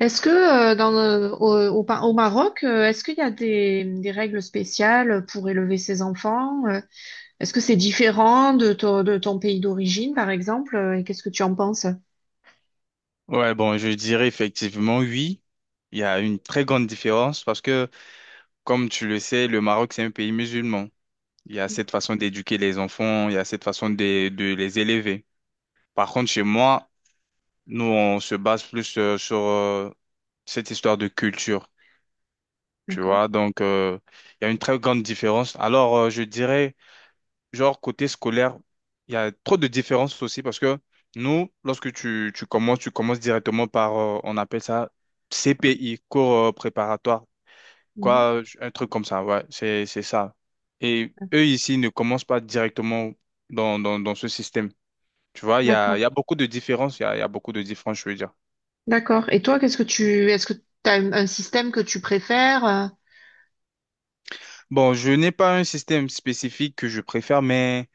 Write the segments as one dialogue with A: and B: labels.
A: Est-ce que dans au au Maroc, est-ce qu'il y a des règles spéciales pour élever ses enfants? Est-ce que c'est différent de de ton pays d'origine, par exemple? Et qu'est-ce que tu en penses?
B: Ouais, bon, je dirais effectivement oui. Il y a une très grande différence parce que, comme tu le sais, le Maroc, c'est un pays musulman. Il y a cette façon d'éduquer les enfants, il y a cette façon de les élever. Par contre, chez moi, nous, on se base plus sur cette histoire de culture, tu
A: D'accord.
B: vois. Donc, il y a une très grande différence. Alors, je dirais... genre côté scolaire, il y a trop de différences aussi parce que nous, lorsque tu commences, tu commences directement par, on appelle ça CPI, cours préparatoire,
A: Mhm.
B: quoi, un truc comme ça, ouais, c'est ça. Et eux ici ne commencent pas directement dans ce système. Tu vois, il y a,
A: D'accord.
B: il y a beaucoup de différences, il y a beaucoup de différences, je veux dire.
A: D'accord. Et toi, qu'est-ce que est-ce que tu as un système que tu préfères?
B: Bon, je n'ai pas un système spécifique que je préfère, mais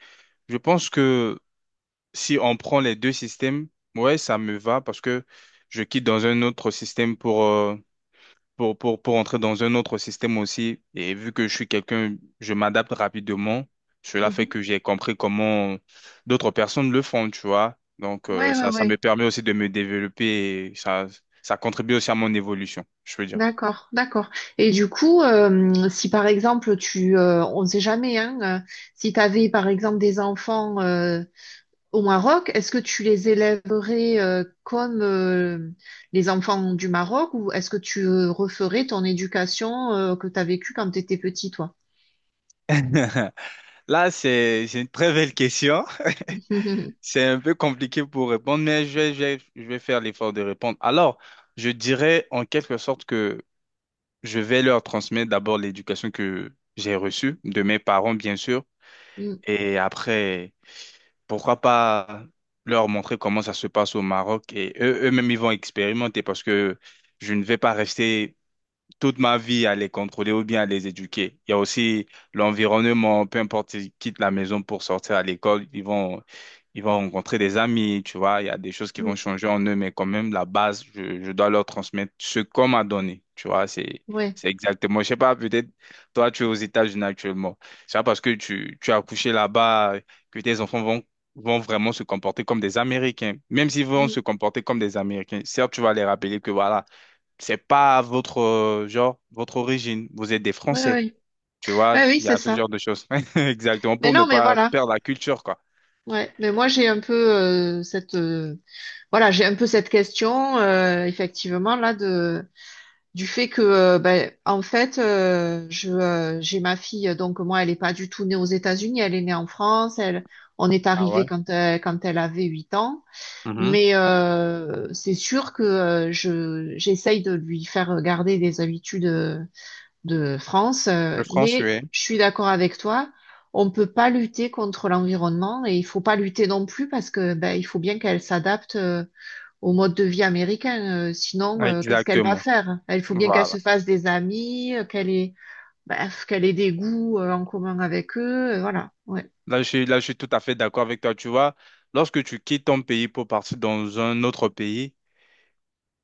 B: je pense que si on prend les deux systèmes, ouais, ça me va parce que je quitte dans un autre système pour, pour entrer dans un autre système aussi. Et vu que je suis quelqu'un, je m'adapte rapidement. Cela fait
A: Mhm.
B: que j'ai compris comment d'autres personnes le font, tu vois. Donc,
A: Ouais, ouais,
B: ça, ça
A: ouais.
B: me permet aussi de me développer et ça contribue aussi à mon évolution, je veux dire.
A: D'accord, d'accord. Et du coup, si par exemple on ne sait jamais, hein, si tu avais par exemple des enfants. Au Maroc, est-ce que tu les élèverais comme les enfants du Maroc ou est-ce que tu referais ton éducation que tu as vécue quand tu étais petit, toi?
B: Là, c'est une très belle question. C'est un peu compliqué pour répondre, mais je vais faire l'effort de répondre. Alors, je dirais en quelque sorte que je vais leur transmettre d'abord l'éducation que j'ai reçue de mes parents, bien sûr,
A: Mm,
B: et après, pourquoi pas leur montrer comment ça se passe au Maroc et eux, eux-mêmes, ils vont expérimenter parce que je ne vais pas rester toute ma vie à les contrôler ou bien à les éduquer. Il y a aussi l'environnement, peu importe, ils quittent la maison pour sortir à l'école, ils vont rencontrer des amis, tu vois, il y a des choses qui
A: mm.
B: vont changer en eux, mais quand même, la base, je dois leur transmettre ce qu'on m'a donné, tu vois,
A: Ouais.
B: c'est exactement, je sais pas, peut-être, toi, tu es aux États-Unis actuellement, c'est pas parce que tu as accouché là-bas que tes enfants vont vont vraiment se comporter comme des Américains, même s'ils vont
A: Mm,
B: se comporter comme des Américains. Certes, tu vas les rappeler que voilà, c'est pas votre genre, votre origine. Vous êtes des
A: ouais,
B: Français.
A: ouais.
B: Tu vois,
A: Ah oui,
B: il y a
A: c'est
B: ce
A: ça.
B: genre de choses. Exactement,
A: Mais
B: pour ne
A: non, mais
B: pas
A: voilà.
B: perdre la culture, quoi.
A: Ouais. Mais moi, j'ai un peu cette voilà, j'ai un peu cette question effectivement là du fait que ben, en fait je j'ai ma fille, donc moi elle est pas du tout née aux États-Unis, elle est née en France. Elle On est
B: Ah
A: arrivé
B: ouais?
A: quand elle avait 8 ans,
B: Mhm.
A: mais c'est sûr que je j'essaye de lui faire garder des habitudes de France,
B: Le
A: mais
B: français.
A: je suis d'accord avec toi, on peut pas lutter contre l'environnement et il faut pas lutter non plus parce que ben il faut bien qu'elle s'adapte au mode de vie américain. Sinon, qu'est-ce qu'elle va
B: Exactement.
A: faire? Il faut bien qu'elle se
B: Voilà.
A: fasse des amis, qu'elle ait, bref, qu'elle ait des goûts en commun avec eux. Voilà. Ouais.
B: Là, je suis tout à fait d'accord avec toi. Tu vois, lorsque tu quittes ton pays pour partir dans un autre pays,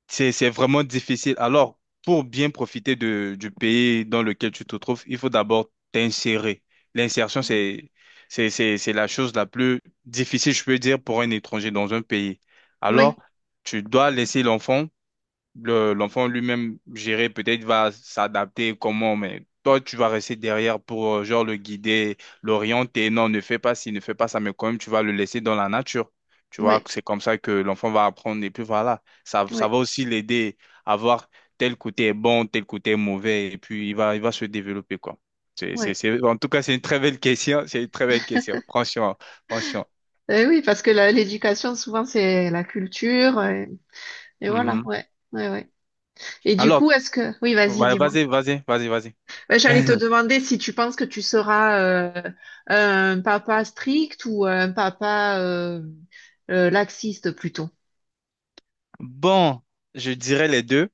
B: c'est vraiment difficile. Alors, pour bien profiter du pays dans lequel tu te trouves, il faut d'abord t'insérer. L'insertion, c'est la chose la plus difficile, je peux dire, pour un étranger dans un pays.
A: Oui,
B: Alors, tu dois laisser l'enfant l'enfant lui-même, gérer, peut-être va s'adapter comment, mais toi, tu vas rester derrière pour, genre, le guider, l'orienter. Non, ne fais pas ci, ne fais pas ça, mais quand même, tu vas le laisser dans la nature. Tu vois,
A: oui,
B: c'est comme ça que l'enfant va apprendre. Et puis voilà, ça
A: oui,
B: va aussi l'aider à voir tel côté est bon, tel côté est mauvais, et puis il va se développer, quoi. C'est, c'est,
A: oui.
B: c'est- en tout cas, c'est une très belle question. C'est une très belle question. Franchement, franchement.
A: Eh oui, parce que l'éducation, souvent, c'est la culture. Et voilà,
B: Mhm.
A: ouais. Ouais, ouais. Et du
B: Alors,
A: coup, est-ce que… Oui, vas-y,
B: ouais,
A: dis-moi.
B: vas-y.
A: Ouais, j'allais te demander si tu penses que tu seras un papa strict ou un papa laxiste plutôt.
B: Bon, je dirais les deux.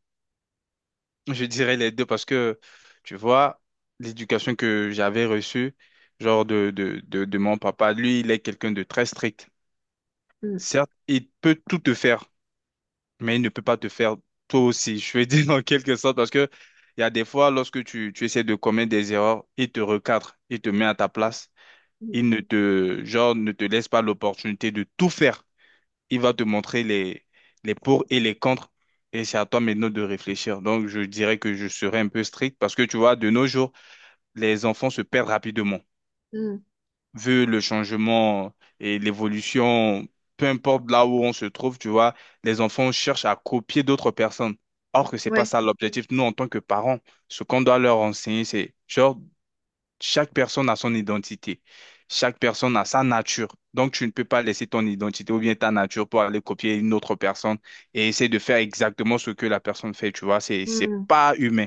B: Je dirais les deux parce que, tu vois, l'éducation que j'avais reçue, genre de mon papa, lui, il est quelqu'un de très strict.
A: Mm,
B: Certes, il peut tout te faire, mais il ne peut pas te faire toi aussi. Je veux dire en quelque sorte parce que il y a des fois, lorsque tu essaies de commettre des erreurs, il te recadre, il te met à ta place,
A: mm,
B: il ne te, genre, ne te laisse pas l'opportunité de tout faire il va te montrer les pour et les contre. Et c'est à toi maintenant de réfléchir. Donc, je dirais que je serais un peu strict parce que tu vois, de nos jours, les enfants se perdent rapidement.
A: mm.
B: Vu le changement et l'évolution, peu importe là où on se trouve, tu vois, les enfants cherchent à copier d'autres personnes. Or que c'est pas
A: Ouais.
B: ça l'objectif. Nous, en tant que parents, ce qu'on doit leur enseigner, c'est genre chaque personne a son identité. Chaque personne a sa nature. Donc, tu ne peux pas laisser ton identité ou bien ta nature pour aller copier une autre personne et essayer de faire exactement ce que la personne fait. Tu vois, c'est
A: Mmh.
B: pas humain.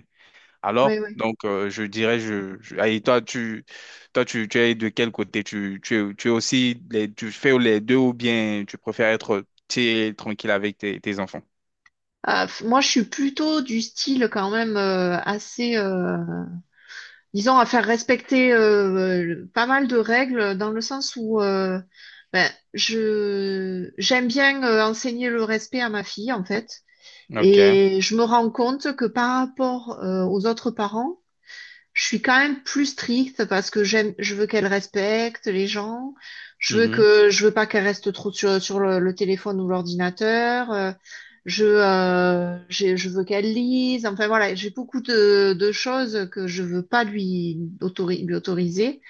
A: Oui,
B: Alors,
A: oui.
B: donc, je dirais, je- et toi, tu, toi, tu es de quel côté? Tu es aussi, tu fais les deux ou bien tu préfères être tu es tranquille avec tes, tes enfants?
A: Moi, je suis plutôt du style quand même disons, à faire respecter pas mal de règles dans le sens où ben, je j'aime bien enseigner le respect à ma fille en fait,
B: Ok.
A: et je me rends compte que par rapport aux autres parents, je suis quand même plus stricte parce que j'aime, je veux qu'elle respecte les gens. Je veux
B: Mhm.
A: je veux pas qu'elle reste trop sur le téléphone ou l'ordinateur. Je veux qu'elle lise. Enfin voilà, j'ai beaucoup de choses que je veux pas lui, lui autoriser.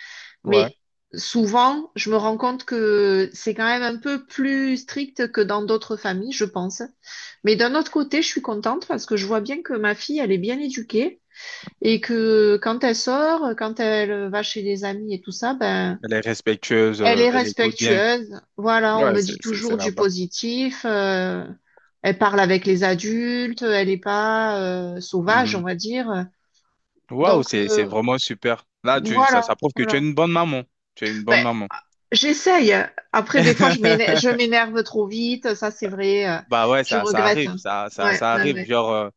B: Ouais.
A: Mais souvent, je me rends compte que c'est quand même un peu plus strict que dans d'autres familles, je pense. Mais d'un autre côté, je suis contente parce que je vois bien que ma fille, elle est bien éduquée. Et que quand elle sort, quand elle va chez des amis et tout ça, ben,
B: Elle est respectueuse,
A: elle est
B: elle écoute bien.
A: respectueuse. Voilà, on
B: Ouais,
A: me dit
B: c'est
A: toujours du
B: là-bas.
A: positif. Elle parle avec les adultes, elle n'est pas sauvage, on va dire.
B: Waouh,
A: Donc
B: c'est vraiment super. Là, tu, ça
A: voilà,
B: prouve que tu es
A: voilà.
B: une bonne maman. Tu es une
A: Ben,
B: bonne maman.
A: j'essaye. Après, des fois, je m'énerve trop vite. Ça, c'est vrai.
B: Bah ouais,
A: Je
B: ça
A: regrette.
B: arrive,
A: Ouais,
B: ça
A: ouais,
B: arrive.
A: ouais,
B: Genre, euh,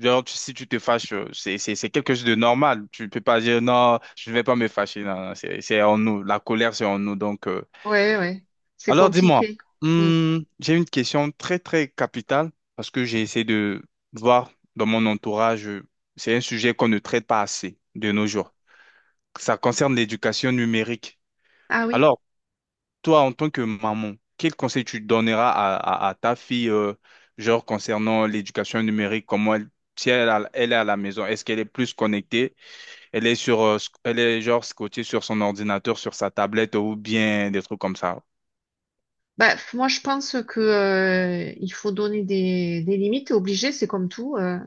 B: genre, si tu te fâches, c'est quelque chose de normal. Tu ne peux pas dire non, je ne vais pas me fâcher. Non, non, c'est en nous. La colère, c'est en nous. Donc,
A: ouais, ouais. C'est
B: alors dis-moi,
A: compliqué. Mm.
B: hmm, j'ai une question très, très capitale parce que j'ai essayé de voir dans mon entourage, c'est un sujet qu'on ne traite pas assez de nos jours. Ça concerne l'éducation numérique.
A: Ah oui.
B: Alors, toi, en tant que maman, quel conseil tu donneras à ta fille, genre concernant l'éducation numérique, comment elle, si elle, elle est à la maison, est-ce qu'elle est plus connectée, elle est sur, elle est genre scotchée sur son ordinateur, sur sa tablette ou bien des trucs comme ça.
A: Moi, je pense que il faut donner des limites, t'es obligé, c'est comme tout.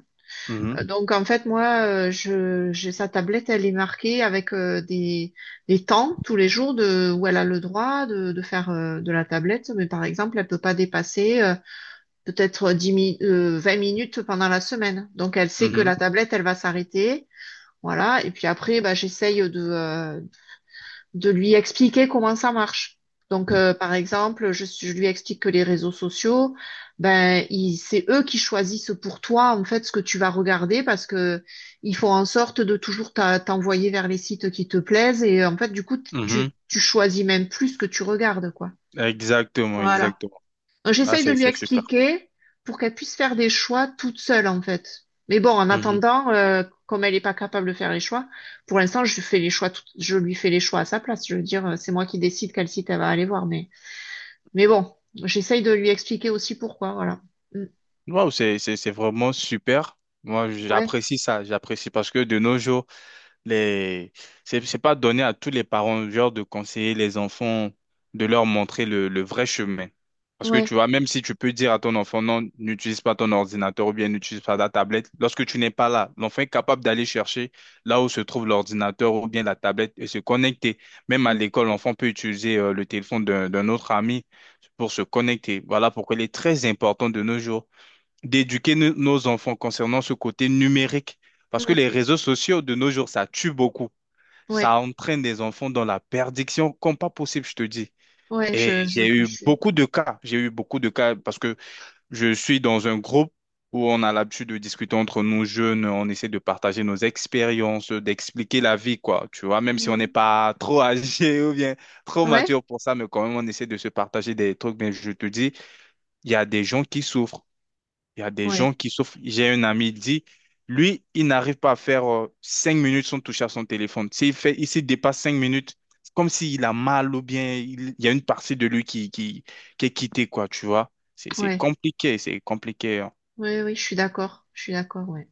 B: Mhm,
A: Donc, en fait, j'ai sa tablette, elle est marquée avec des temps tous les jours de où elle a le droit de faire de la tablette, mais par exemple, elle peut pas dépasser 20 minutes pendant la semaine. Donc, elle sait que
B: mhm,
A: la tablette, elle va s'arrêter. Voilà, et puis après, bah, de lui expliquer comment ça marche. Donc, par exemple, je lui explique que les réseaux sociaux, ben, c'est eux qui choisissent pour toi, en fait, ce que tu vas regarder parce que ils font en sorte de toujours t'envoyer vers les sites qui te plaisent et, en fait, du coup,
B: mhm.
A: tu choisis même plus ce que tu regardes, quoi.
B: Exactement,
A: Voilà.
B: exactement. Ah,
A: J'essaye de lui
B: c'est super.
A: expliquer pour qu'elle puisse faire des choix toute seule, en fait. Mais bon, en
B: Mhm.
A: attendant, comme elle n'est pas capable de faire les choix, pour l'instant, je fais les choix, je lui fais les choix à sa place. Je veux dire, c'est moi qui décide quel site elle va aller voir. Mais bon, j'essaye de lui expliquer aussi pourquoi, voilà. Mm.
B: Waouh, c'est vraiment super. Moi,
A: Ouais,
B: j'apprécie ça, j'apprécie parce que de nos jours, les... c'est pas donné à tous les parents, genre, de conseiller les enfants, de leur montrer le vrai chemin. Parce que
A: ouais.
B: tu vois, même si tu peux dire à ton enfant, non, n'utilise pas ton ordinateur ou bien n'utilise pas la tablette, lorsque tu n'es pas là, l'enfant est capable d'aller chercher là où se trouve l'ordinateur ou bien la tablette et se connecter. Même à
A: Mm.
B: l'école, l'enfant peut utiliser le téléphone d'un autre ami pour se connecter. Voilà pourquoi il est très important de nos jours d'éduquer nos enfants concernant ce côté numérique. Parce que
A: Mm.
B: les réseaux sociaux de nos jours, ça tue beaucoup.
A: Ouais,
B: Ça entraîne des enfants dans la perdition comme pas possible, je te dis.
A: ouais,
B: Et j'ai
A: je
B: eu
A: suis.
B: beaucoup de cas. J'ai eu beaucoup de cas parce que je suis dans un groupe où on a l'habitude de discuter entre nous jeunes, on essaie de partager nos expériences, d'expliquer la vie, quoi. Tu vois, même si on n'est
A: Mm.
B: pas trop âgé ou bien trop
A: Ouais,
B: mature pour ça, mais quand même, on essaie de se partager des trucs. Mais je te dis, il y a des gens qui souffrent. Il y a des
A: ouais,
B: gens qui sauf j'ai un ami, il dit, lui, il n'arrive pas à faire 5 minutes sans toucher à son téléphone. S'il fait, il s'il dépasse 5 minutes, c'est comme s'il a mal ou bien il y a une partie de lui qui est quittée, quoi, tu vois. C'est
A: ouais,
B: compliqué, c'est compliqué, hein.
A: ouais, oui, je suis d'accord, ouais.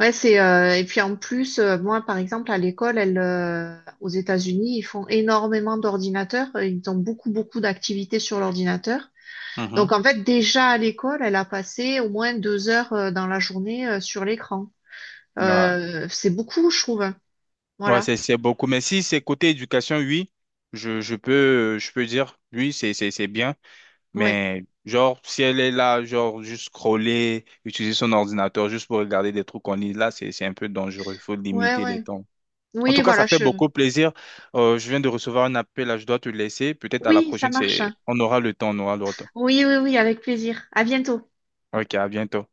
A: Ouais, c'est et puis en plus, moi par exemple à l'école, aux États-Unis, ils font énormément d'ordinateurs, ils ont beaucoup beaucoup d'activités sur l'ordinateur. Donc
B: Mhm.
A: en fait déjà à l'école, elle a passé au moins 2 heures dans la journée sur l'écran.
B: Ouais,
A: C'est beaucoup, je trouve, hein.
B: ouais,
A: Voilà.
B: c'est beaucoup. Mais si c'est côté éducation, oui, je peux dire, oui, c'est bien.
A: Ouais,
B: Mais genre, si elle est là, genre, juste scroller, utiliser son ordinateur juste pour regarder des trucs qu'on lit, là, c'est un peu dangereux. Il faut
A: ouais,
B: limiter les
A: ouais.
B: temps. En
A: Oui,
B: tout cas, ça
A: voilà.
B: fait
A: Je…
B: beaucoup plaisir. Je viens de recevoir un appel, là, je dois te laisser. Peut-être à la
A: Oui, ça
B: prochaine,
A: marche,
B: c'est...
A: hein.
B: on aura le temps, on aura le temps.
A: Oui, oui, oui, avec plaisir. À bientôt.
B: Ok, à bientôt.